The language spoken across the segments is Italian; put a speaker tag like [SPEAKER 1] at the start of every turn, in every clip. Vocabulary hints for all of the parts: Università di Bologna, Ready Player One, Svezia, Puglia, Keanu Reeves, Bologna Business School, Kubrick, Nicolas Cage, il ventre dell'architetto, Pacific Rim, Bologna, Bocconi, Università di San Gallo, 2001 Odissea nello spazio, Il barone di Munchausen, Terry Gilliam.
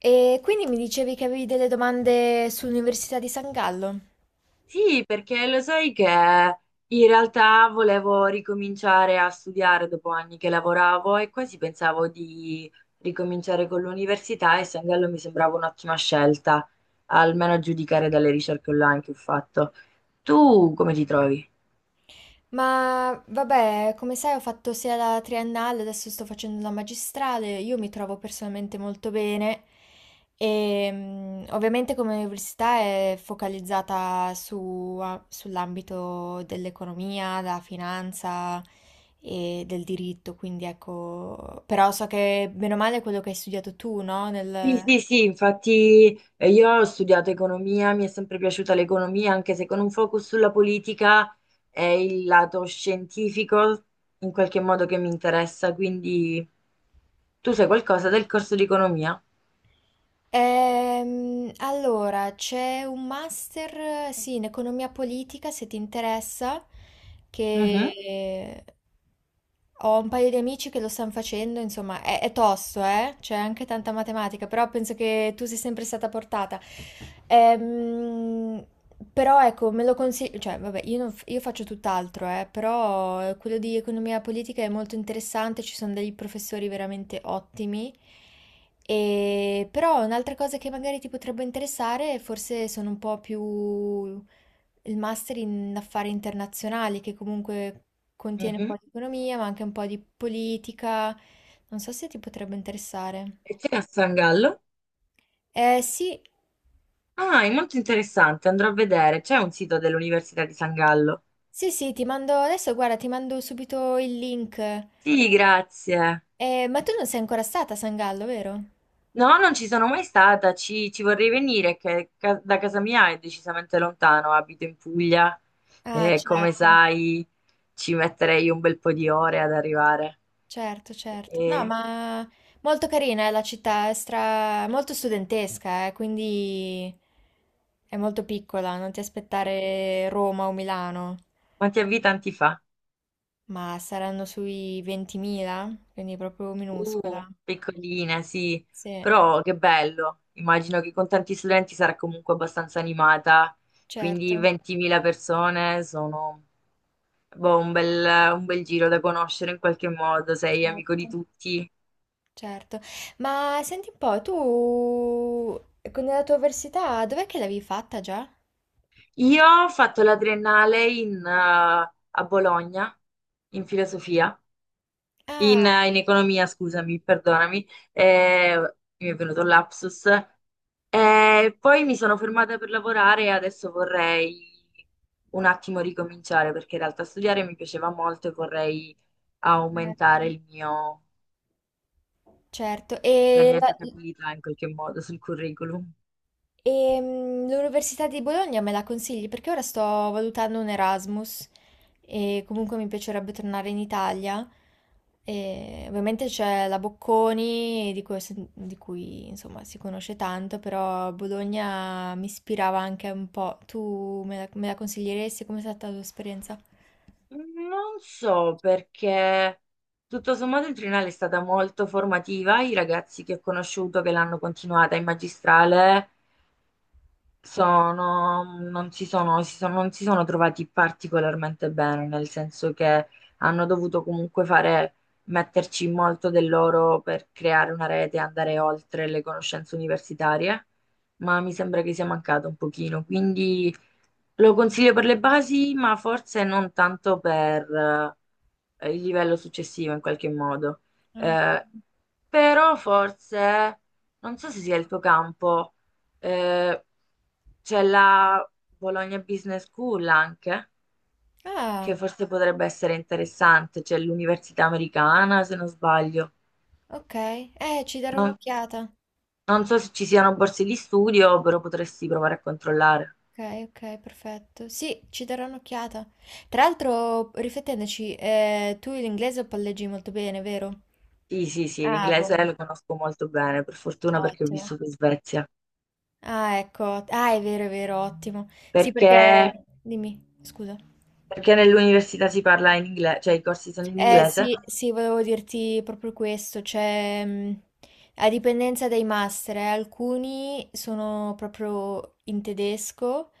[SPEAKER 1] E quindi mi dicevi che avevi delle domande sull'Università di San Gallo.
[SPEAKER 2] Sì, perché lo sai che in realtà volevo ricominciare a studiare dopo anni che lavoravo e quasi pensavo di ricominciare con l'università e Sangallo mi sembrava un'ottima scelta, almeno a giudicare dalle ricerche online che ho fatto. Tu come ti trovi?
[SPEAKER 1] Ma vabbè, come sai, ho fatto sia la triennale, adesso sto facendo la magistrale. Io mi trovo personalmente molto bene. Ovviamente, come università è focalizzata sull'ambito dell'economia, della finanza e del diritto. Quindi ecco, però so che bene o male è quello che hai studiato tu, no?
[SPEAKER 2] Sì, sì, sì, infatti io ho studiato economia, mi è sempre piaciuta l'economia, anche se con un focus sulla politica è il lato scientifico in qualche modo che mi interessa, quindi tu sai qualcosa del corso di economia?
[SPEAKER 1] Allora, c'è un master, sì, in economia politica, se ti interessa,
[SPEAKER 2] Mhm,
[SPEAKER 1] che ho un paio di amici che lo stanno facendo, insomma, è tosto, eh? C'è anche tanta matematica, però penso che tu sei sempre stata portata. Ehm, Però ecco, me lo consiglio, cioè, vabbè, io, non f- io faccio tutt'altro, però quello di economia politica è molto interessante, ci sono dei professori veramente ottimi. E, però un'altra cosa che magari ti potrebbe interessare, forse sono un po' più il master in affari internazionali, che comunque contiene un
[SPEAKER 2] mhm.
[SPEAKER 1] po' di economia, ma anche un po' di politica. Non so se ti potrebbe interessare.
[SPEAKER 2] E c'è a San Gallo?
[SPEAKER 1] Eh sì,
[SPEAKER 2] Ah, è molto interessante, andrò a vedere, c'è un sito dell'Università di San Gallo.
[SPEAKER 1] sì, sì, ti mando adesso, guarda, ti mando subito il link.
[SPEAKER 2] Sì, grazie.
[SPEAKER 1] Ma tu non sei ancora stata a San Gallo, vero?
[SPEAKER 2] No, non ci sono mai stata, ci vorrei venire, da casa mia è decisamente lontano, abito in Puglia
[SPEAKER 1] Ah,
[SPEAKER 2] e come
[SPEAKER 1] certo.
[SPEAKER 2] sai ci metterei un bel po' di ore ad arrivare.
[SPEAKER 1] Certo, certo. No,
[SPEAKER 2] E-
[SPEAKER 1] ma molto carina è la città, è molto studentesca, quindi è molto piccola, non ti
[SPEAKER 2] e
[SPEAKER 1] aspettare Roma o Milano,
[SPEAKER 2] quanti abitanti fa?
[SPEAKER 1] ma saranno sui 20.000, quindi proprio minuscola.
[SPEAKER 2] Piccolina, sì,
[SPEAKER 1] Sì,
[SPEAKER 2] però che bello, immagino che con tanti studenti sarà comunque abbastanza animata, quindi
[SPEAKER 1] certo,
[SPEAKER 2] 20.000 persone sono boh, un bel giro da conoscere in qualche modo, sei amico di
[SPEAKER 1] certo,
[SPEAKER 2] tutti.
[SPEAKER 1] certo. Ma senti un po', tu con la tua università, dov'è che l'avevi fatta già?
[SPEAKER 2] Io ho fatto la triennale a Bologna, in filosofia,
[SPEAKER 1] Ah,
[SPEAKER 2] in economia, scusami, perdonami, mi è venuto un lapsus. Poi mi sono fermata per lavorare e adesso vorrei un attimo ricominciare perché in realtà studiare mi piaceva molto e vorrei
[SPEAKER 1] certo.
[SPEAKER 2] aumentare
[SPEAKER 1] Certo,
[SPEAKER 2] la
[SPEAKER 1] e
[SPEAKER 2] mia
[SPEAKER 1] la-
[SPEAKER 2] giocabilità in qualche modo sul curriculum.
[SPEAKER 1] l'Università di Bologna me la consigli? Perché ora sto valutando un Erasmus e comunque mi piacerebbe tornare in Italia. E ovviamente c'è la Bocconi di cui, insomma si conosce tanto, però Bologna mi ispirava anche un po'. Tu me la consiglieresti? Com'è stata la tua esperienza?
[SPEAKER 2] Non so perché tutto sommato il triennale è stata molto formativa, i ragazzi che ho conosciuto che l'hanno continuata in magistrale. Sono, non si sono, si sono- Non si sono trovati particolarmente bene, nel senso che hanno dovuto comunque fare, metterci molto del loro per creare una rete, andare oltre le conoscenze universitarie, ma mi sembra che sia mancato un pochino, quindi lo consiglio per le basi, ma forse non tanto per il livello successivo in qualche modo.
[SPEAKER 1] Ah,
[SPEAKER 2] Eh, però forse, non so se sia il tuo campo. Eh, c'è la Bologna Business School anche, che
[SPEAKER 1] ah,
[SPEAKER 2] forse potrebbe essere interessante, c'è l'università americana, se non sbaglio.
[SPEAKER 1] ok. Ci darò
[SPEAKER 2] Non,
[SPEAKER 1] un'occhiata.
[SPEAKER 2] non so se ci siano borse di studio, però potresti provare a controllare.
[SPEAKER 1] Okay, okay, perfetto. Sì, ci darò un'occhiata. Tra l'altro, riflettendoci, tu l'inglese lo palleggi molto bene, vero?
[SPEAKER 2] Sì, sì, sì,
[SPEAKER 1] Ah, boh,
[SPEAKER 2] l'inglese lo conosco molto bene, per fortuna perché ho
[SPEAKER 1] ottimo.
[SPEAKER 2] vissuto in Svezia.
[SPEAKER 1] Ah, ecco, ah, è vero, ottimo. Sì, perché.
[SPEAKER 2] Perché,
[SPEAKER 1] Dimmi, scusa.
[SPEAKER 2] perché nell'università si parla in inglese, cioè i corsi sono in inglese,
[SPEAKER 1] Sì, sì, volevo dirti proprio questo, cioè, a dipendenza dai master, alcuni sono proprio in tedesco,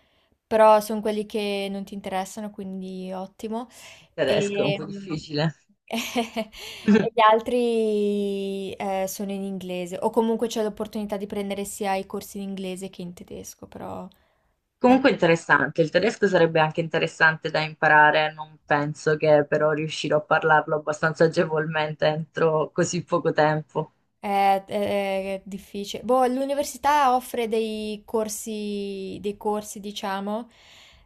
[SPEAKER 1] però sono quelli che non ti interessano, quindi ottimo.
[SPEAKER 2] il tedesco è un
[SPEAKER 1] E,
[SPEAKER 2] po'
[SPEAKER 1] mh,
[SPEAKER 2] difficile.
[SPEAKER 1] E gli altri sono in inglese, o comunque c'è l'opportunità di prendere sia i corsi in inglese che in tedesco, però la-
[SPEAKER 2] Comunque interessante, il tedesco sarebbe anche interessante da imparare, non penso che però riuscirò a parlarlo abbastanza agevolmente entro così poco tempo.
[SPEAKER 1] è difficile. Boh, l'università offre dei corsi, diciamo,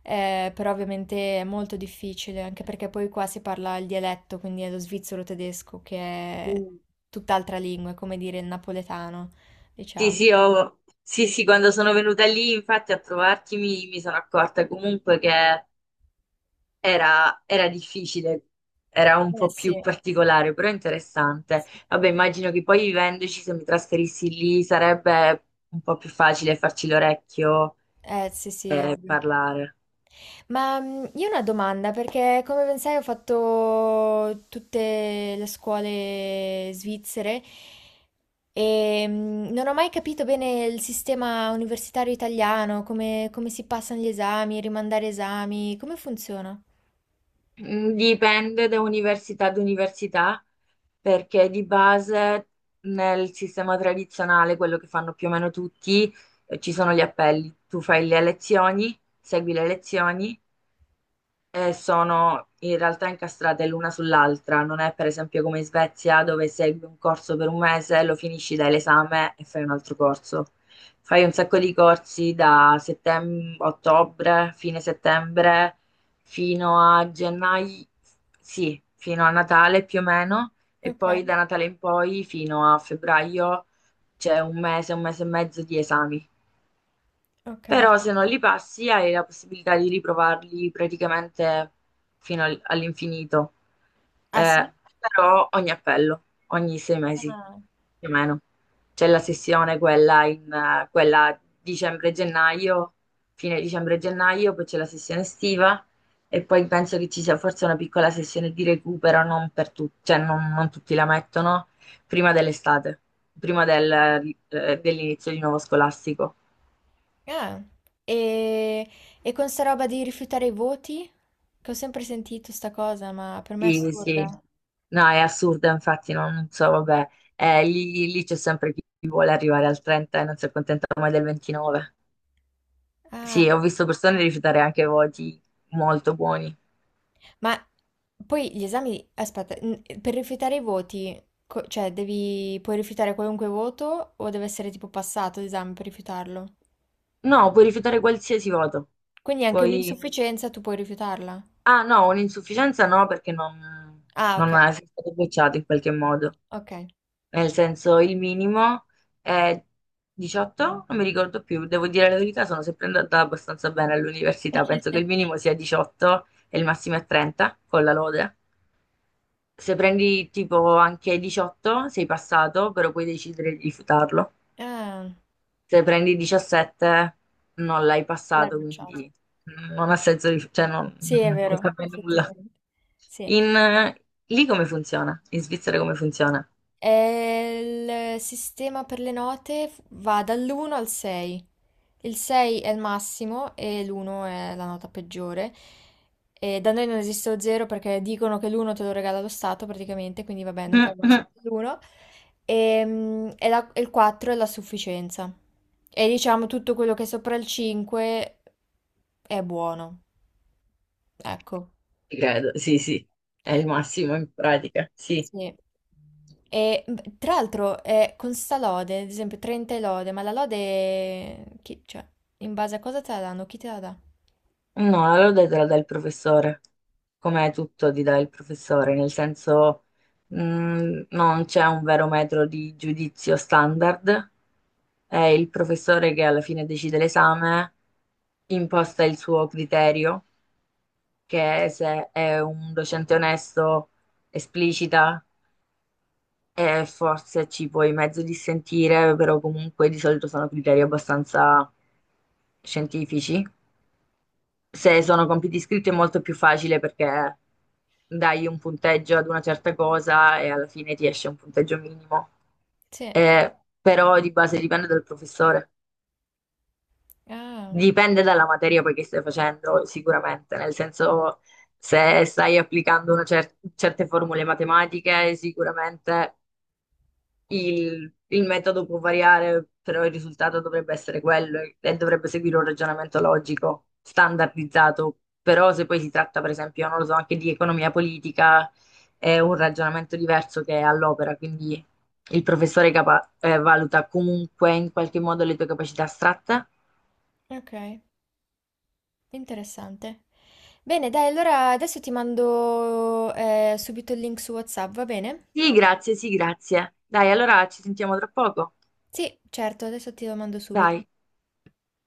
[SPEAKER 1] però ovviamente è molto difficile, anche perché poi qua si parla il dialetto, quindi è lo svizzero tedesco, che è
[SPEAKER 2] Mm.
[SPEAKER 1] tutt'altra lingua, è come dire il napoletano, diciamo.
[SPEAKER 2] Sì, sì, quando sono venuta lì, infatti, a trovarti mi sono accorta comunque che era difficile, era un
[SPEAKER 1] Eh
[SPEAKER 2] po' più
[SPEAKER 1] sì.
[SPEAKER 2] particolare, però interessante.
[SPEAKER 1] Sì.
[SPEAKER 2] Vabbè, immagino che poi vivendoci, se mi trasferissi lì, sarebbe un po' più facile farci l'orecchio
[SPEAKER 1] Eh sì, sì,
[SPEAKER 2] e
[SPEAKER 1] ovvio.
[SPEAKER 2] parlare.
[SPEAKER 1] Io ho una domanda, perché come ben sai ho fatto tutte le scuole svizzere e non ho mai capito bene il sistema universitario italiano, come si passano gli esami, rimandare esami, come funziona?
[SPEAKER 2] Mm, dipende da università ad università, perché di base nel sistema tradizionale, quello che fanno più o meno tutti, ci sono gli appelli. Tu fai le lezioni, segui le lezioni e sono in realtà incastrate l'una sull'altra. Non è per esempio come in Svezia dove segui un corso per un mese, lo finisci, dai l'esame e fai un altro corso. Fai un sacco di corsi ottobre, fine settembre, fino a gennaio, sì, fino a Natale più o meno, e
[SPEAKER 1] Ok,
[SPEAKER 2] poi da Natale in poi fino a febbraio c'è un mese e mezzo di esami.
[SPEAKER 1] ok.
[SPEAKER 2] Però se non li passi hai la possibilità di riprovarli praticamente all'infinito.
[SPEAKER 1] Ah sì?
[SPEAKER 2] Eh, però ogni appello, ogni sei mesi
[SPEAKER 1] Ah.
[SPEAKER 2] più o meno. C'è la sessione quella, quella dicembre-gennaio, fine dicembre-gennaio, poi c'è la sessione estiva e poi penso che ci sia forse una piccola sessione di recupero, non per tutti, non tutti la mettono, prima dell'estate, dell'inizio di nuovo scolastico.
[SPEAKER 1] Ah. E, e con sta roba di rifiutare i voti? Che ho sempre sentito sta cosa, ma per me è
[SPEAKER 2] Sì, sì.
[SPEAKER 1] assurda.
[SPEAKER 2] No, è assurdo, infatti, no, non so, vabbè, eh, lì c'è sempre chi vuole arrivare al 30 e non si accontenta mai del 29.
[SPEAKER 1] Ah.
[SPEAKER 2] Sì, ho visto persone rifiutare anche voti molto buoni.
[SPEAKER 1] Ma poi gli esami, aspetta, per rifiutare i voti, cioè puoi rifiutare qualunque voto o deve essere tipo passato l'esame per rifiutarlo?
[SPEAKER 2] No, puoi rifiutare qualsiasi voto.
[SPEAKER 1] Quindi anche
[SPEAKER 2] Poi...
[SPEAKER 1] un'insufficienza tu puoi rifiutarla.
[SPEAKER 2] Ah, no, un'insufficienza no, perché non,
[SPEAKER 1] Ah, ok,
[SPEAKER 2] non è sei stato bocciato in qualche modo.
[SPEAKER 1] ok.
[SPEAKER 2] Nel senso il minimo è 18, non mi ricordo più, devo dire la verità, sono sempre andata abbastanza bene all'università, penso che il minimo sia 18 e il massimo è 30 con la lode. Se prendi tipo anche 18 sei passato, però puoi decidere di rifiutarlo.
[SPEAKER 1] Ah,
[SPEAKER 2] Se prendi 17 non l'hai
[SPEAKER 1] l'hai
[SPEAKER 2] passato,
[SPEAKER 1] bocciato.
[SPEAKER 2] quindi non ha senso,
[SPEAKER 1] Sì, è
[SPEAKER 2] non
[SPEAKER 1] vero,
[SPEAKER 2] cambia nulla.
[SPEAKER 1] effettivamente. Sì.
[SPEAKER 2] In, Lì come funziona? In Svizzera come funziona?
[SPEAKER 1] E il sistema per le note va dall'1 al 6. Il 6 è il massimo e l'1 è la nota peggiore. E da noi non esiste lo 0 perché dicono che l'1 te lo regala lo Stato praticamente, quindi vabbè, non puoi andare sotto l'1. E il 4 è la sufficienza. E diciamo tutto quello che è sopra il 5 è buono. Ecco,
[SPEAKER 2] Credo, sì, sì, è il massimo in pratica, sì.
[SPEAKER 1] sì. Tra l'altro con sta lode, ad esempio 30 è lode, ma la lode, cioè, in base a cosa te la danno? Chi te la dà?
[SPEAKER 2] No, allora te la dà il professore, come tutto ti dà il professore, nel senso mm, non c'è un vero metro di giudizio standard, è il professore che alla fine decide l'esame, imposta il suo criterio, che se è un docente onesto, esplicita. E forse ci puoi mezzo dissentire, però comunque di solito sono criteri abbastanza scientifici. Se sono compiti scritti è molto più facile perché dai un punteggio ad una certa cosa e alla fine ti esce un punteggio minimo.
[SPEAKER 1] Sì.
[SPEAKER 2] Però di base dipende dal professore,
[SPEAKER 1] Ah.
[SPEAKER 2] dipende dalla materia poi che stai facendo, sicuramente, nel senso se stai certe formule matematiche, sicuramente il metodo può variare, però il risultato dovrebbe essere quello e dovrebbe seguire un ragionamento logico, standardizzato. Però se poi si tratta, per esempio, non lo so, anche di economia politica, è un ragionamento diverso che è all'opera, quindi il valuta comunque in qualche modo le tue capacità astratte.
[SPEAKER 1] Ok, interessante. Bene, dai, allora adesso ti mando subito il link su WhatsApp, va bene?
[SPEAKER 2] Sì, grazie, sì, grazie. Dai, allora ci sentiamo tra poco.
[SPEAKER 1] Sì, certo, adesso te lo mando subito.
[SPEAKER 2] Dai.